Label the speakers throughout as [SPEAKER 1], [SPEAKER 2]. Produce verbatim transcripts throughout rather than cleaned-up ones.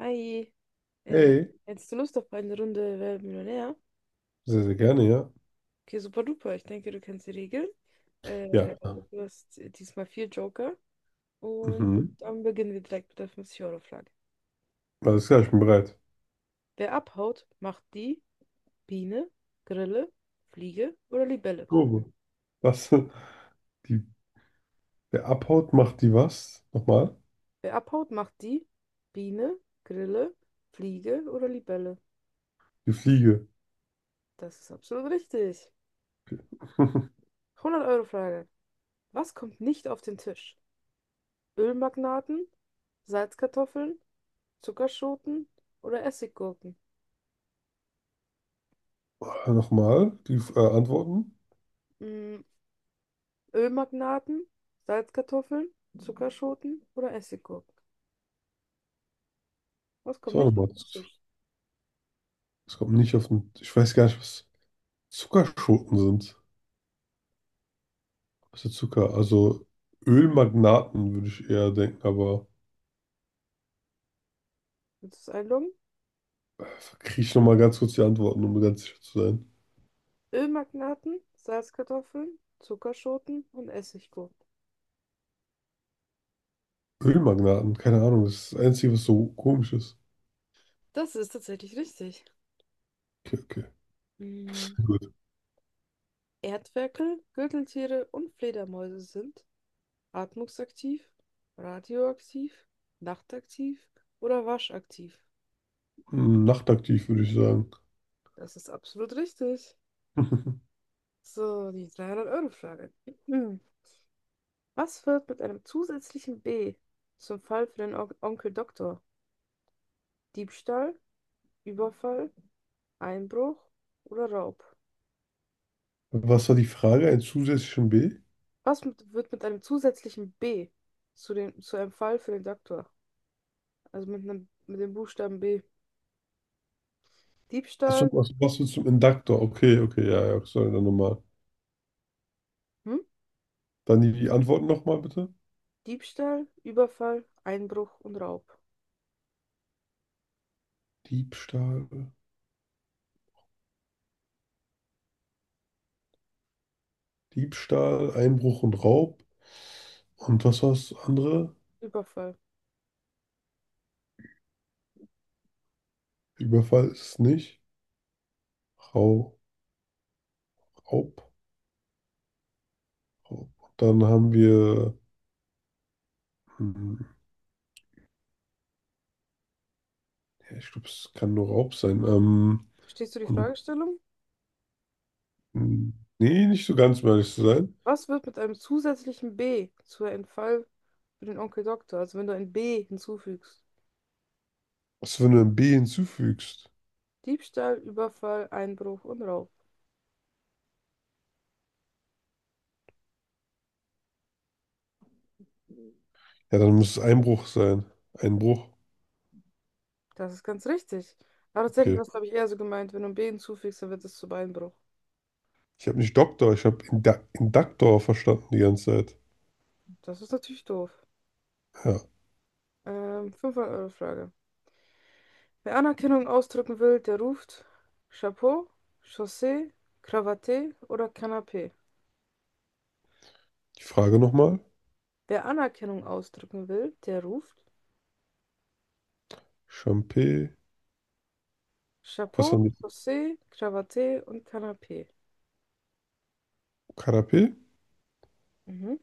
[SPEAKER 1] Hi, äh,
[SPEAKER 2] Hey,
[SPEAKER 1] hättest du Lust auf eine Runde Wer wird Millionär?
[SPEAKER 2] sehr, sehr gerne, ja.
[SPEAKER 1] Okay, super duper. Ich denke, du kennst die Regeln.
[SPEAKER 2] Ja,
[SPEAKER 1] Äh, Du hast diesmal vier Joker. Und
[SPEAKER 2] mhm.
[SPEAKER 1] dann beginnen wir direkt mit der fünfzig Euro Frage.
[SPEAKER 2] Alles klar, ich bin bereit.
[SPEAKER 1] Wer abhaut, macht die Biene, Grille, Fliege oder Libelle?
[SPEAKER 2] Grobe. Was? Die, wer abhaut, macht die was? Nochmal?
[SPEAKER 1] Wer abhaut, macht die Biene, Grille, Fliege oder Libelle?
[SPEAKER 2] Die Fliege.
[SPEAKER 1] Das ist absolut richtig. Hundert Euro Frage. Was kommt nicht auf den Tisch? Ölmagnaten, Salzkartoffeln, Zuckerschoten oder Essiggurken?
[SPEAKER 2] Ah, nochmal? Die äh, Antworten?
[SPEAKER 1] Mm, Ölmagnaten, Salzkartoffeln, Zuckerschoten oder Essiggurken? Was
[SPEAKER 2] Was
[SPEAKER 1] kommt
[SPEAKER 2] war
[SPEAKER 1] nicht auf
[SPEAKER 2] nochmal?
[SPEAKER 1] den Tisch?
[SPEAKER 2] Es kommt nicht auf den. Ich weiß gar nicht, was Zuckerschoten sind. Was ist Zucker? Also Ölmagnaten würde ich eher denken, aber
[SPEAKER 1] Willst du es einloggen?
[SPEAKER 2] äh, kriege ich nochmal ganz kurz die Antworten, um ganz sicher zu sein.
[SPEAKER 1] Ölmagnaten, Salzkartoffeln, Zuckerschoten und Essiggurken.
[SPEAKER 2] Ölmagnaten, keine Ahnung, das ist das Einzige, was so komisch ist.
[SPEAKER 1] Das ist tatsächlich richtig.
[SPEAKER 2] Okay,
[SPEAKER 1] Mm,
[SPEAKER 2] okay.
[SPEAKER 1] Erdferkel, Gürteltiere und Fledermäuse sind atmungsaktiv, radioaktiv, nachtaktiv oder waschaktiv?
[SPEAKER 2] Hm, nachtaktiv, würde ich sagen.
[SPEAKER 1] Das ist absolut richtig. So, die dreihundert-Euro-Frage. Was wird mit einem zusätzlichen B zum Fall für den On Onkel Doktor? Diebstahl, Überfall, Einbruch oder Raub?
[SPEAKER 2] Was war die Frage? Ein zusätzlichen B?
[SPEAKER 1] Was mit, wird mit einem zusätzlichen B zu, den, zu einem Fall für den Doktor? Also mit einem, mit dem Buchstaben B.
[SPEAKER 2] Achso,
[SPEAKER 1] Diebstahl,
[SPEAKER 2] was, was willst du zum Induktor? Okay, okay, ja, ja, sorry, dann nochmal.
[SPEAKER 1] hm?
[SPEAKER 2] Dann die Antworten nochmal bitte.
[SPEAKER 1] Diebstahl, Überfall, Einbruch und Raub.
[SPEAKER 2] Diebstahl, Diebstahl, Einbruch und Raub. Und was war das andere?
[SPEAKER 1] Überfall.
[SPEAKER 2] Überfall ist es nicht. Rau, Raub, Raub. Und dann haben wir, hm, ja, ich glaube, es kann nur Raub sein. Ähm,
[SPEAKER 1] Verstehst du die
[SPEAKER 2] und,
[SPEAKER 1] Fragestellung?
[SPEAKER 2] hm, nee, nicht so ganz, um ehrlich zu sein.
[SPEAKER 1] Was wird mit einem zusätzlichen B zu einem Fall für den Onkel Doktor? Also wenn du ein B hinzufügst.
[SPEAKER 2] Was, wenn du ein B hinzufügst?
[SPEAKER 1] Diebstahl, Überfall, Einbruch und Raub.
[SPEAKER 2] Ja, dann muss es Einbruch sein. Einbruch.
[SPEAKER 1] Das ist ganz richtig. Aber tatsächlich
[SPEAKER 2] Okay.
[SPEAKER 1] war es, glaube ich, eher so gemeint: wenn du ein B hinzufügst, dann wird es zu Beinbruch.
[SPEAKER 2] Ich habe nicht Doktor, ich habe Inda Induktor verstanden die ganze Zeit.
[SPEAKER 1] Das ist natürlich doof.
[SPEAKER 2] Ja.
[SPEAKER 1] Ähm, fünfhundert-Euro-Frage. Wer Anerkennung ausdrücken will, der ruft Chapeau, Chaussee, Krawatte oder Canapé?
[SPEAKER 2] Die Frage nochmal.
[SPEAKER 1] Wer Anerkennung ausdrücken will, der ruft
[SPEAKER 2] Champé. Was haben
[SPEAKER 1] Chapeau,
[SPEAKER 2] die?
[SPEAKER 1] Chaussee, Krawatte und Canapé?
[SPEAKER 2] Karapé?
[SPEAKER 1] Mhm,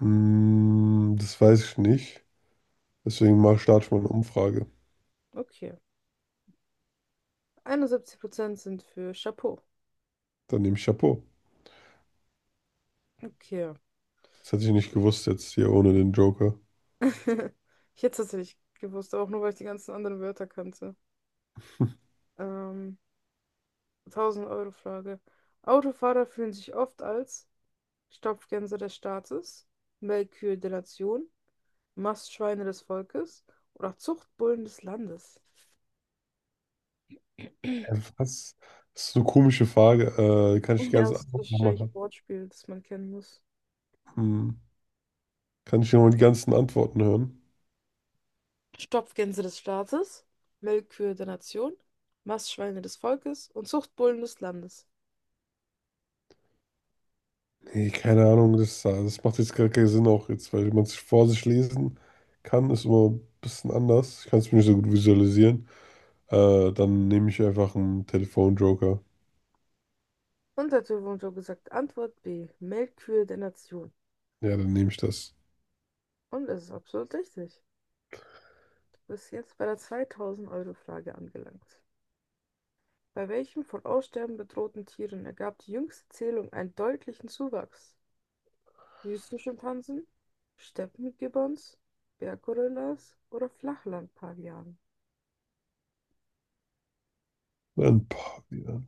[SPEAKER 2] Hm, das weiß ich nicht. Deswegen mal starte ich mal eine Umfrage.
[SPEAKER 1] okay. einundsiebzig Prozent sind für Chapeau.
[SPEAKER 2] Dann nehme ich Chapeau.
[SPEAKER 1] Okay.
[SPEAKER 2] Das hätte ich nicht gewusst jetzt hier ohne den Joker.
[SPEAKER 1] Ich hätte es tatsächlich gewusst, aber auch nur, weil ich die ganzen anderen Wörter kannte. Ähm, tausend-Euro-Frage. Autofahrer fühlen sich oft als Stopfgänse des Staates, Melkkühe der Nation, Mastschweine des Volkes oder Zuchtbullen des Landes.
[SPEAKER 2] Äh, Was? Das ist eine komische Frage. Äh, kann ich die
[SPEAKER 1] Ja,
[SPEAKER 2] ganzen
[SPEAKER 1] das ist
[SPEAKER 2] Antworten nochmal
[SPEAKER 1] wahrscheinlich ein
[SPEAKER 2] haben?
[SPEAKER 1] Wortspiel, das man kennen muss.
[SPEAKER 2] Hm. Kann ich nochmal die ganzen Antworten hören?
[SPEAKER 1] Stopfgänse des Staates, Melkkühe der Nation, Mastschweine des Volkes und Zuchtbullen des Landes.
[SPEAKER 2] Nee, keine Ahnung, das, das macht jetzt gar keinen Sinn auch jetzt, weil man es vor sich lesen kann, ist immer ein bisschen anders. Ich kann es mir nicht so gut visualisieren. Äh, dann nehme ich einfach einen Telefonjoker.
[SPEAKER 1] Und der Typ wurde gesagt, Antwort B, Melkkühe der Nation.
[SPEAKER 2] Ja, dann nehme ich das.
[SPEAKER 1] Und es ist absolut richtig. Du bist jetzt bei der zweitausend-Euro-Frage angelangt. Bei welchen von Aussterben bedrohten Tieren ergab die jüngste Zählung einen deutlichen Zuwachs? Wüstenschimpansen, Steppengibbons, Berggorillas oder Flachlandpavianen?
[SPEAKER 2] Dann, boah, ja.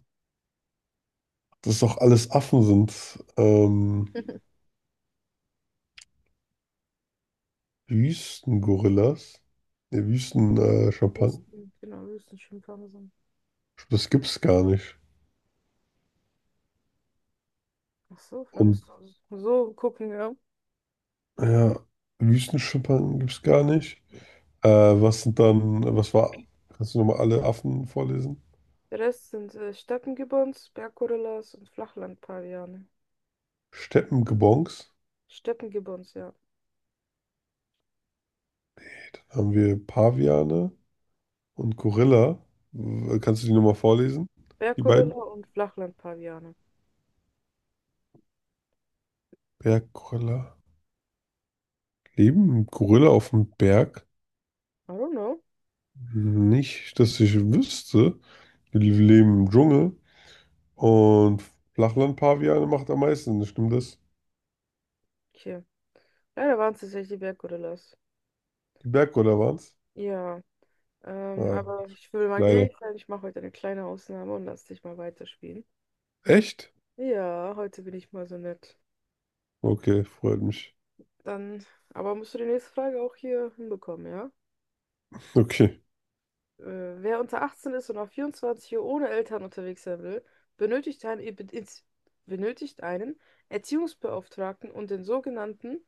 [SPEAKER 2] Dass doch alles Affen sind. Ähm, Wüstengorillas. Ne, Wüsten, äh, Schimpansen.
[SPEAKER 1] Wüsten, genau, Wüstenschimpansen.
[SPEAKER 2] Das gibt's gar nicht.
[SPEAKER 1] Ach so, wir
[SPEAKER 2] Und
[SPEAKER 1] müssen so gucken, ja.
[SPEAKER 2] ja, Wüstenschimpansen gibt's gar nicht. Äh, was sind dann, was war, kannst du nochmal alle Affen vorlesen?
[SPEAKER 1] Der Rest sind äh, Steppengibbons, Berggorillas und Flachlandpaviane.
[SPEAKER 2] Steppengebongs.
[SPEAKER 1] Steppengibbons, ja.
[SPEAKER 2] Okay, dann haben wir Paviane und Gorilla. W- Kannst du die nochmal vorlesen? Die beiden?
[SPEAKER 1] Berggorilla und Flachlandpaviane.
[SPEAKER 2] Berggorilla. Leben Gorilla auf dem Berg?
[SPEAKER 1] I don't know.
[SPEAKER 2] Nicht, dass ich wüsste. Die leben im Dschungel. Und Flachland-Paviane macht am meisten, stimmt das?
[SPEAKER 1] Okay. Leider waren es tatsächlich die Berggorillas.
[SPEAKER 2] Die Berggorilla waren's?
[SPEAKER 1] Ja. Ähm,
[SPEAKER 2] Ah,
[SPEAKER 1] aber ich will mal
[SPEAKER 2] leider.
[SPEAKER 1] gnädig sein. Ich mache heute eine kleine Ausnahme und lass dich mal weiterspielen.
[SPEAKER 2] Echt?
[SPEAKER 1] Ja, heute bin ich mal so nett.
[SPEAKER 2] Okay, freut mich.
[SPEAKER 1] Dann, aber musst du die nächste Frage auch hier hinbekommen, ja?
[SPEAKER 2] Okay,
[SPEAKER 1] Äh, wer unter achtzehn ist und auf vierundzwanzig Uhr ohne Eltern unterwegs sein will, benötigt einen, Ebe- ins- benötigt einen Erziehungsbeauftragten und den sogenannten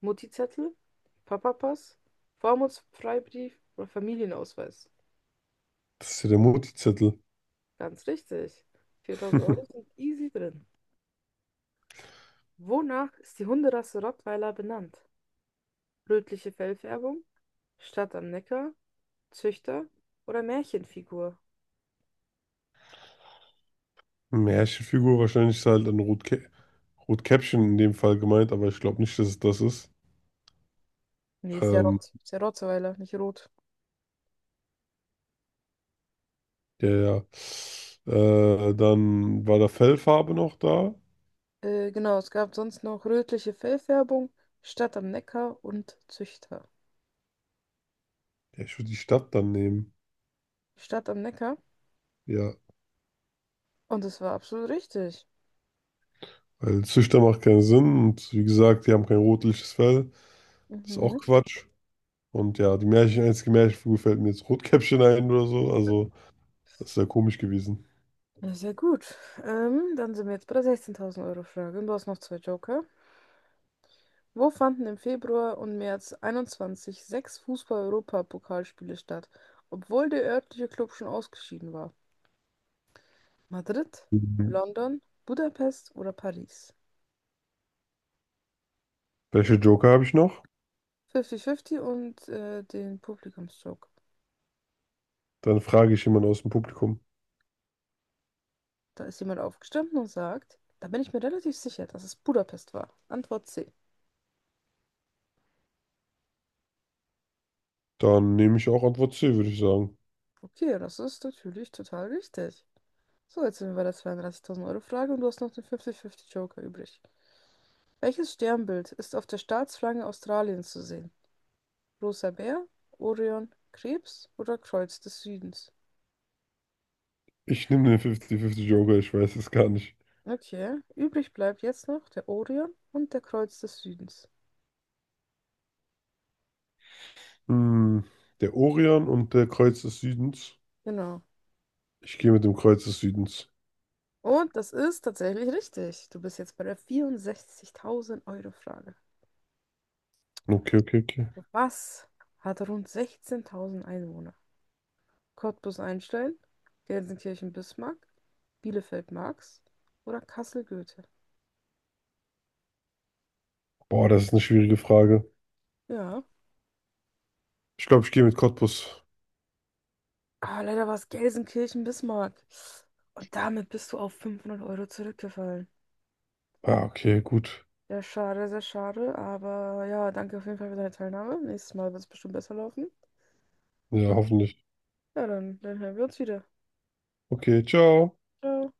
[SPEAKER 1] Mutti-Zettel, Papapass, Vormundsfreibrief oder Familienausweis?
[SPEAKER 2] das ist ja der Mutti-Zettel.
[SPEAKER 1] Ganz richtig. viertausend Euro sind easy drin. Wonach ist die Hunderasse Rottweiler benannt? Rötliche Fellfärbung, Stadt am Neckar, Züchter oder Märchenfigur?
[SPEAKER 2] Märchenfigur, wahrscheinlich ist halt ein Rotkä Rotkäppchen in dem Fall gemeint, aber ich glaube nicht, dass es das ist.
[SPEAKER 1] Nee, ist ja
[SPEAKER 2] Ähm,
[SPEAKER 1] Rott. Ist ja Rottweiler, nicht rot.
[SPEAKER 2] ja, ja. Äh, dann war da Fellfarbe noch da.
[SPEAKER 1] Äh, genau, es gab sonst noch rötliche Fellfärbung, Stadt am Neckar und Züchter.
[SPEAKER 2] Ja, ich würde die Stadt dann nehmen.
[SPEAKER 1] Stadt am Neckar.
[SPEAKER 2] Ja,
[SPEAKER 1] Und es war absolut richtig.
[SPEAKER 2] weil Züchter macht keinen Sinn und wie gesagt, die haben kein rotliches Fell. Das ist auch
[SPEAKER 1] Mhm.
[SPEAKER 2] Quatsch. Und ja, die Märchen, einzige Märchenfigur fällt mir jetzt Rotkäppchen ein oder so. Also, das wäre komisch gewesen.
[SPEAKER 1] Ja, sehr gut. Ähm, dann sind wir jetzt bei der sechzehntausend Euro Frage. Und du hast noch zwei Joker. Wo fanden im Februar und März einundzwanzig sechs Fußball-Europapokalspiele statt, obwohl der örtliche Klub schon ausgeschieden war? Madrid,
[SPEAKER 2] Mhm.
[SPEAKER 1] London, Budapest oder Paris?
[SPEAKER 2] Welche Joker habe ich noch?
[SPEAKER 1] fünfzig fünfzig und äh, den Publikumsjoke.
[SPEAKER 2] Dann frage ich jemanden aus dem Publikum.
[SPEAKER 1] Da ist jemand aufgestanden und sagt, da bin ich mir relativ sicher, dass es Budapest war. Antwort C.
[SPEAKER 2] Dann nehme ich auch Antwort C, würde ich sagen.
[SPEAKER 1] Okay, das ist natürlich total richtig. So, jetzt sind wir bei der zweiunddreißigtausend Euro Frage und du hast noch den fünfzig fünfzig Joker übrig. Welches Sternbild ist auf der Staatsflagge Australiens zu sehen? Großer Bär, Orion, Krebs oder Kreuz des Südens?
[SPEAKER 2] Ich nehme den fünfzig-fünfzig Joker, ich weiß es gar nicht.
[SPEAKER 1] Okay, übrig bleibt jetzt noch der Orion und der Kreuz des Südens.
[SPEAKER 2] Hm, der Orion und der Kreuz des Südens.
[SPEAKER 1] Genau.
[SPEAKER 2] Ich gehe mit dem Kreuz des Südens.
[SPEAKER 1] Und das ist tatsächlich richtig. Du bist jetzt bei der vierundsechzigtausend Euro Frage.
[SPEAKER 2] Okay, okay, okay.
[SPEAKER 1] Was hat rund sechzehntausend Einwohner? Cottbus Einstein, Gelsenkirchen Bismarck, Bielefeld Marx oder Kassel Goethe?
[SPEAKER 2] Boah, das ist eine schwierige Frage.
[SPEAKER 1] Ja.
[SPEAKER 2] Ich glaube, ich gehe mit Cottbus.
[SPEAKER 1] Aber leider war es Gelsenkirchen Bismarck. Und damit bist du auf fünfhundert Euro zurückgefallen.
[SPEAKER 2] Ah, okay, gut.
[SPEAKER 1] Ja, schade, sehr schade. Aber ja, danke auf jeden Fall für deine Teilnahme. Nächstes Mal wird es bestimmt besser laufen.
[SPEAKER 2] Ja,
[SPEAKER 1] Ja,
[SPEAKER 2] hoffentlich.
[SPEAKER 1] dann, dann hören wir uns wieder.
[SPEAKER 2] Okay, ciao.
[SPEAKER 1] Ciao.